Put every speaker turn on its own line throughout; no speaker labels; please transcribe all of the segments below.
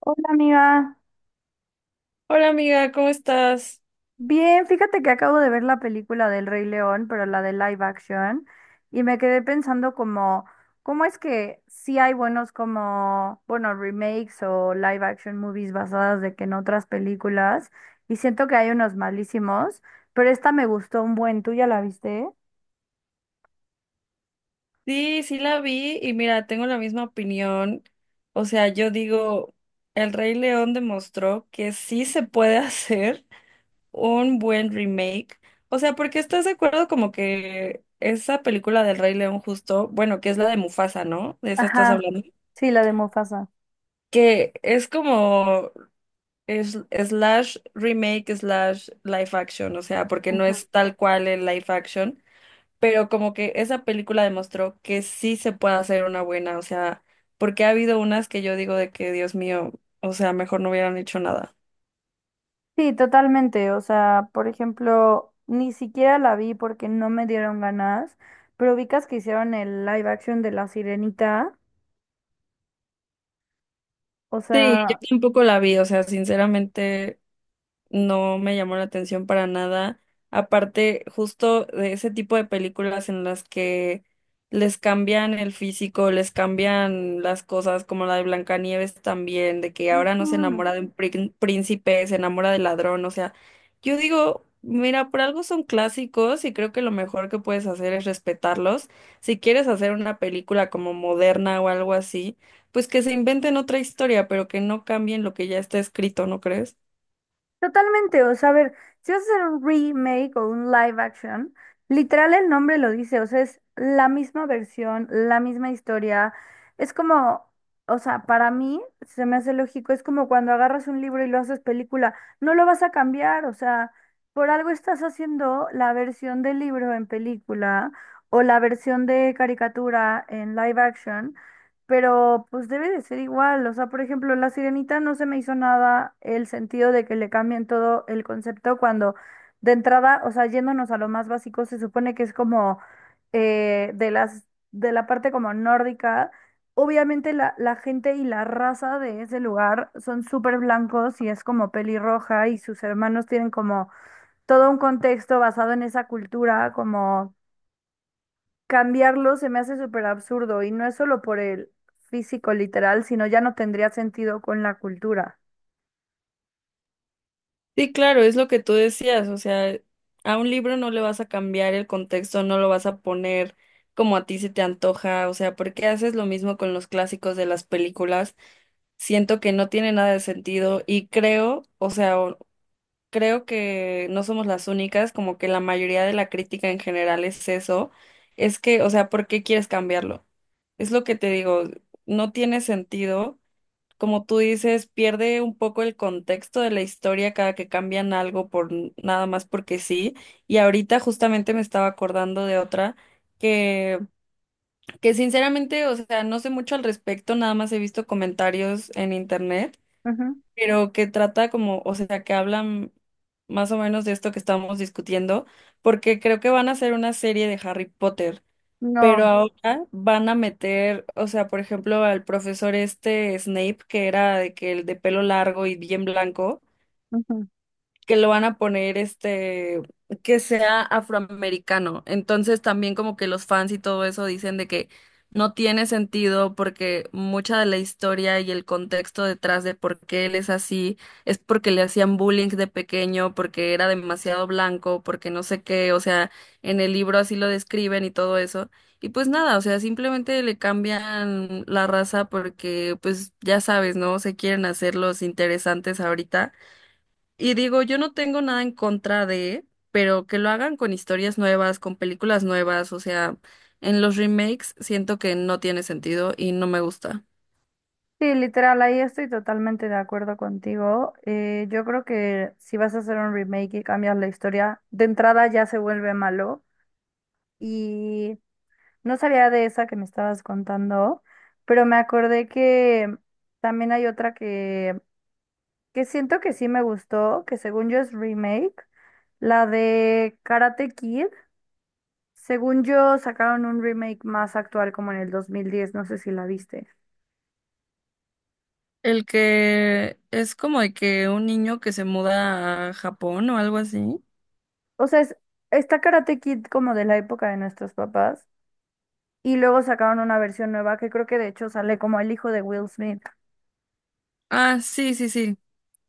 Hola amiga,
Hola amiga, ¿cómo estás?
bien, fíjate que acabo de ver la película del Rey León, pero la de live action, y me quedé pensando como, ¿cómo es que sí hay buenos como, bueno, remakes o live action movies basadas de que en otras películas? Y siento que hay unos malísimos, pero esta me gustó un buen, ¿tú ya la viste?
Sí, sí la vi y mira, tengo la misma opinión. O sea, yo digo, El Rey León demostró que sí se puede hacer un buen remake. O sea, porque estás de acuerdo como que esa película del Rey León justo, bueno, que es la de Mufasa, ¿no? De esa estás
Ajá,
hablando.
sí, la de Mufasa.
Que es como es, slash remake slash live action, o sea, porque no es tal cual el live action pero como que esa película demostró que sí se puede hacer una buena, o sea, porque ha habido unas que yo digo de que, Dios mío, o sea, mejor no hubieran hecho nada.
Sí, totalmente. O sea, por ejemplo, ni siquiera la vi porque no me dieron ganas, pero ubicas que hicieron el live action de La Sirenita. O
Sí, yo
sea.
tampoco la vi, o sea, sinceramente. No me llamó la atención para nada. Aparte, justo de ese tipo de películas en las que les cambian el físico, les cambian las cosas, como la de Blancanieves también, de que ahora no se
Ujú.
enamora de un príncipe, se enamora del ladrón, o sea, yo digo, mira, por algo son clásicos y creo que lo mejor que puedes hacer es respetarlos. Si quieres hacer una película como moderna o algo así, pues que se inventen otra historia, pero que no cambien lo que ya está escrito, ¿no crees?
Totalmente, o sea, a ver, si vas a hacer un remake o un live action, literal el nombre lo dice, o sea, es la misma versión, la misma historia. Es como, o sea, para mí se me hace lógico, es como cuando agarras un libro y lo haces película, no lo vas a cambiar, o sea, por algo estás haciendo la versión del libro en película o la versión de caricatura en live action. Pero pues debe de ser igual, o sea, por ejemplo, La Sirenita no se me hizo nada el sentido de que le cambien todo el concepto cuando de entrada, o sea, yéndonos a lo más básico, se supone que es como de la parte como nórdica, obviamente la gente y la raza de ese lugar son súper blancos y es como pelirroja y sus hermanos tienen como todo un contexto basado en esa cultura, como cambiarlo se me hace súper absurdo y no es solo por el físico literal, sino ya no tendría sentido con la cultura.
Sí, claro, es lo que tú decías, o sea, a un libro no le vas a cambiar el contexto, no lo vas a poner como a ti se te antoja, o sea, ¿por qué haces lo mismo con los clásicos de las películas? Siento que no tiene nada de sentido y creo, o sea, creo que no somos las únicas, como que la mayoría de la crítica en general es eso, es que, o sea, ¿por qué quieres cambiarlo? Es lo que te digo, no tiene sentido como tú dices, pierde un poco el contexto de la historia cada que cambian algo por nada más porque sí. Y ahorita justamente me estaba acordando de otra que, que sinceramente, o sea, no sé mucho al respecto, nada más he visto comentarios en internet,
Ujú.
pero que trata como, o sea, que hablan más o menos de esto que estamos discutiendo, porque creo que van a hacer una serie de Harry Potter. Pero
No.
ahora van a meter, o sea, por ejemplo, al profesor este Snape, que era de que el de pelo largo y bien blanco,
Ujú.
que lo van a poner este, que sea afroamericano. Entonces también como que los fans y todo eso dicen de que no tiene sentido porque mucha de la historia y el contexto detrás de por qué él es así es porque le hacían bullying de pequeño, porque era demasiado blanco, porque no sé qué, o sea, en el libro así lo describen y todo eso. Y pues nada, o sea, simplemente le cambian la raza porque pues ya sabes, ¿no? Se quieren hacer los interesantes ahorita. Y digo, yo no tengo nada en contra de, pero que lo hagan con historias nuevas, con películas nuevas, o sea, en los remakes siento que no tiene sentido y no me gusta.
Sí, literal, ahí estoy totalmente de acuerdo contigo. Yo creo que si vas a hacer un remake y cambias la historia, de entrada ya se vuelve malo. Y no sabía de esa que me estabas contando, pero me acordé que también hay otra que siento que sí me gustó, que según yo es remake, la de Karate Kid, según yo sacaron un remake más actual como en el 2010, no sé si la viste.
El que es como de que un niño que se muda a Japón o algo así.
O sea, está Karate Kid como de la época de nuestros papás y luego sacaron una versión nueva que creo que de hecho sale como el hijo de Will Smith.
Ah, sí, sí, sí.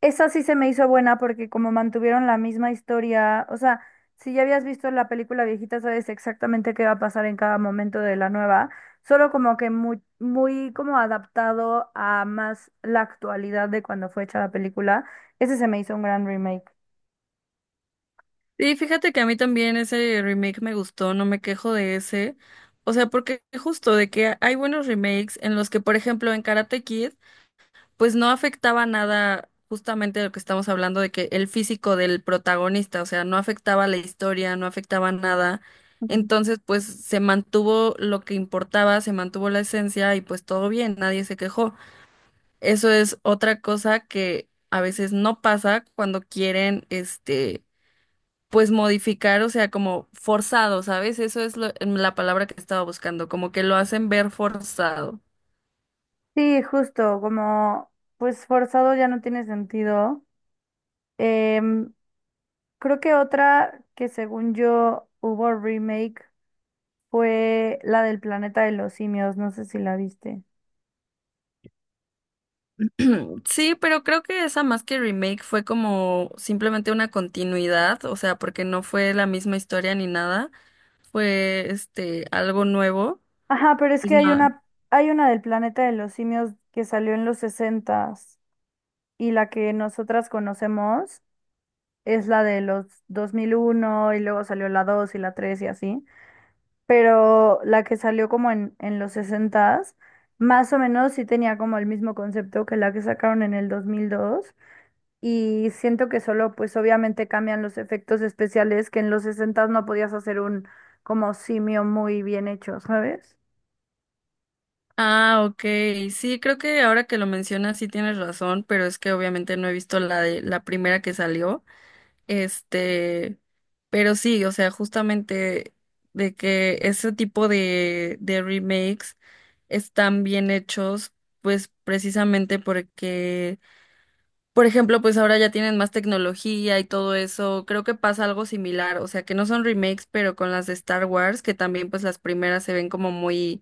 Esa sí se me hizo buena porque como mantuvieron la misma historia, o sea, si ya habías visto la película viejita, sabes exactamente qué va a pasar en cada momento de la nueva, solo como que muy, muy como adaptado a más la actualidad de cuando fue hecha la película. Ese se me hizo un gran remake.
Sí, fíjate que a mí también ese remake me gustó, no me quejo de ese. O sea, porque justo de que hay buenos remakes en los que, por ejemplo, en Karate Kid pues no afectaba nada justamente de lo que estamos hablando de que el físico del protagonista, o sea, no afectaba la historia, no afectaba nada.
Ujú.
Entonces, pues se mantuvo lo que importaba, se mantuvo la esencia y pues todo bien, nadie se quejó. Eso es otra cosa que a veces no pasa cuando quieren, este, pues modificar, o sea, como forzado, ¿sabes? Eso es lo- la palabra que estaba buscando, como que lo hacen ver forzado.
Sí, justo, como pues forzado ya no tiene sentido. Em, Creo que otra que según yo hubo remake fue la del Planeta de los Simios, no sé si la viste.
Sí, pero creo que esa más que remake fue como simplemente una continuidad, o sea, porque no fue la misma historia ni nada, fue este algo nuevo.
Ajá, pero es que
No.
hay una del Planeta de los Simios que salió en los sesentas y la que nosotras conocemos es la de los 2001 y luego salió la 2 y la 3 y así, pero la que salió como en los sesentas más o menos sí tenía como el mismo concepto que la que sacaron en el 2002 y siento que solo pues obviamente cambian los efectos especiales que en los sesentas no podías hacer un como simio muy bien hecho, ¿sabes?
Ah, ok. Sí, creo que ahora que lo mencionas sí tienes razón, pero es que obviamente no he visto la de la primera que salió. Este, pero sí, o sea, justamente de que ese tipo de remakes están bien hechos, pues precisamente porque por ejemplo, pues ahora ya tienen más tecnología y todo eso. Creo que pasa algo similar, o sea, que no son remakes, pero con las de Star Wars, que también pues las primeras se ven como muy,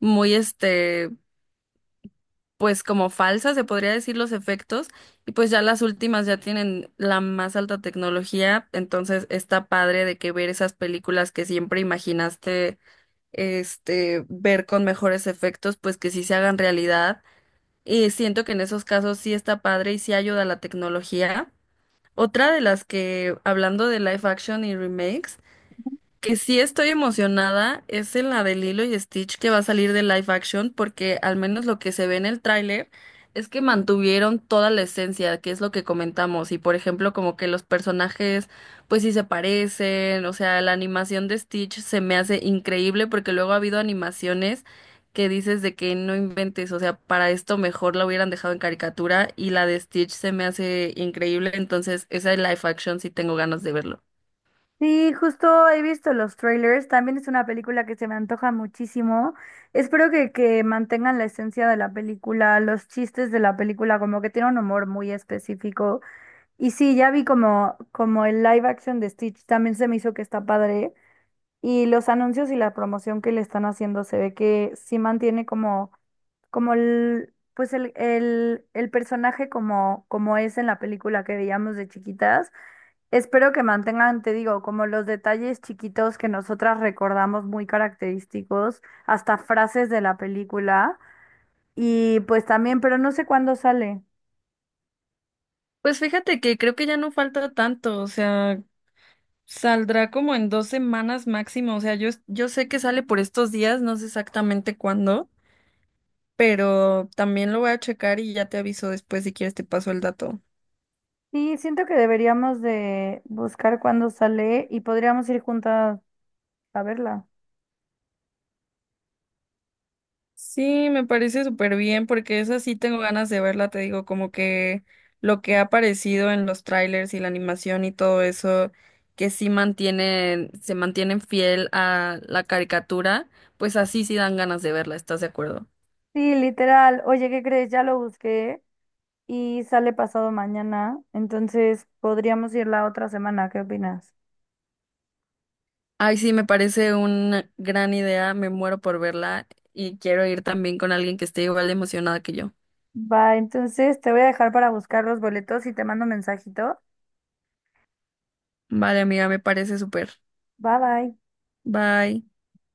muy este, pues como falsas, se podría decir los efectos, y pues ya las últimas ya tienen la más alta tecnología, entonces está padre de que ver esas películas que siempre imaginaste, este, ver con mejores efectos, pues que sí se hagan realidad. Y siento que en esos casos sí está padre y sí ayuda la tecnología. Otra de las que, hablando de live action y remakes, que sí estoy emocionada es en la de Lilo y Stitch que va a salir de live action, porque al menos lo que se ve en el tráiler es que mantuvieron toda la esencia, que es lo que comentamos, y por ejemplo como que los personajes pues sí se parecen, o sea, la animación de Stitch se me hace increíble porque luego ha habido animaciones que dices de que no inventes, o sea, para esto mejor la hubieran dejado en caricatura y la de Stitch se me hace increíble, entonces esa de live action sí tengo ganas de verlo.
Sí, justo he visto los trailers. También es una película que se me antoja muchísimo. Espero que mantengan la esencia de la película, los chistes de la película, como que tiene un humor muy específico. Y sí, ya vi como el live action de Stitch también se me hizo que está padre. Y los anuncios y la promoción que le están haciendo se ve que sí mantiene como, como el, pues el personaje como es en la película que veíamos de chiquitas. Espero que mantengan, te digo, como los detalles chiquitos que nosotras recordamos muy característicos, hasta frases de la película. Y pues también, pero no sé cuándo sale.
Pues fíjate que creo que ya no falta tanto, o sea, saldrá como en 2 semanas máximo, o sea, yo sé que sale por estos días, no sé exactamente cuándo, pero también lo voy a checar y ya te aviso después si quieres te paso el dato.
Sí, siento que deberíamos de buscar cuándo sale y podríamos ir juntas a verla.
Sí, me parece súper bien porque esa sí tengo ganas de verla, te digo, como que lo que ha aparecido en los trailers y la animación y todo eso, que sí mantienen, se mantienen fiel a la caricatura, pues así sí dan ganas de verla, ¿estás de acuerdo?
Sí, literal. Oye, ¿qué crees? Ya lo busqué y sale pasado mañana, entonces podríamos ir la otra semana. ¿Qué opinas?
Ay, sí, me parece una gran idea, me muero por verla y quiero ir también con alguien que esté igual de emocionada que yo.
Va, entonces te voy a dejar para buscar los boletos y te mando mensajito.
Vale, amiga, me parece súper.
Bye bye.
Bye.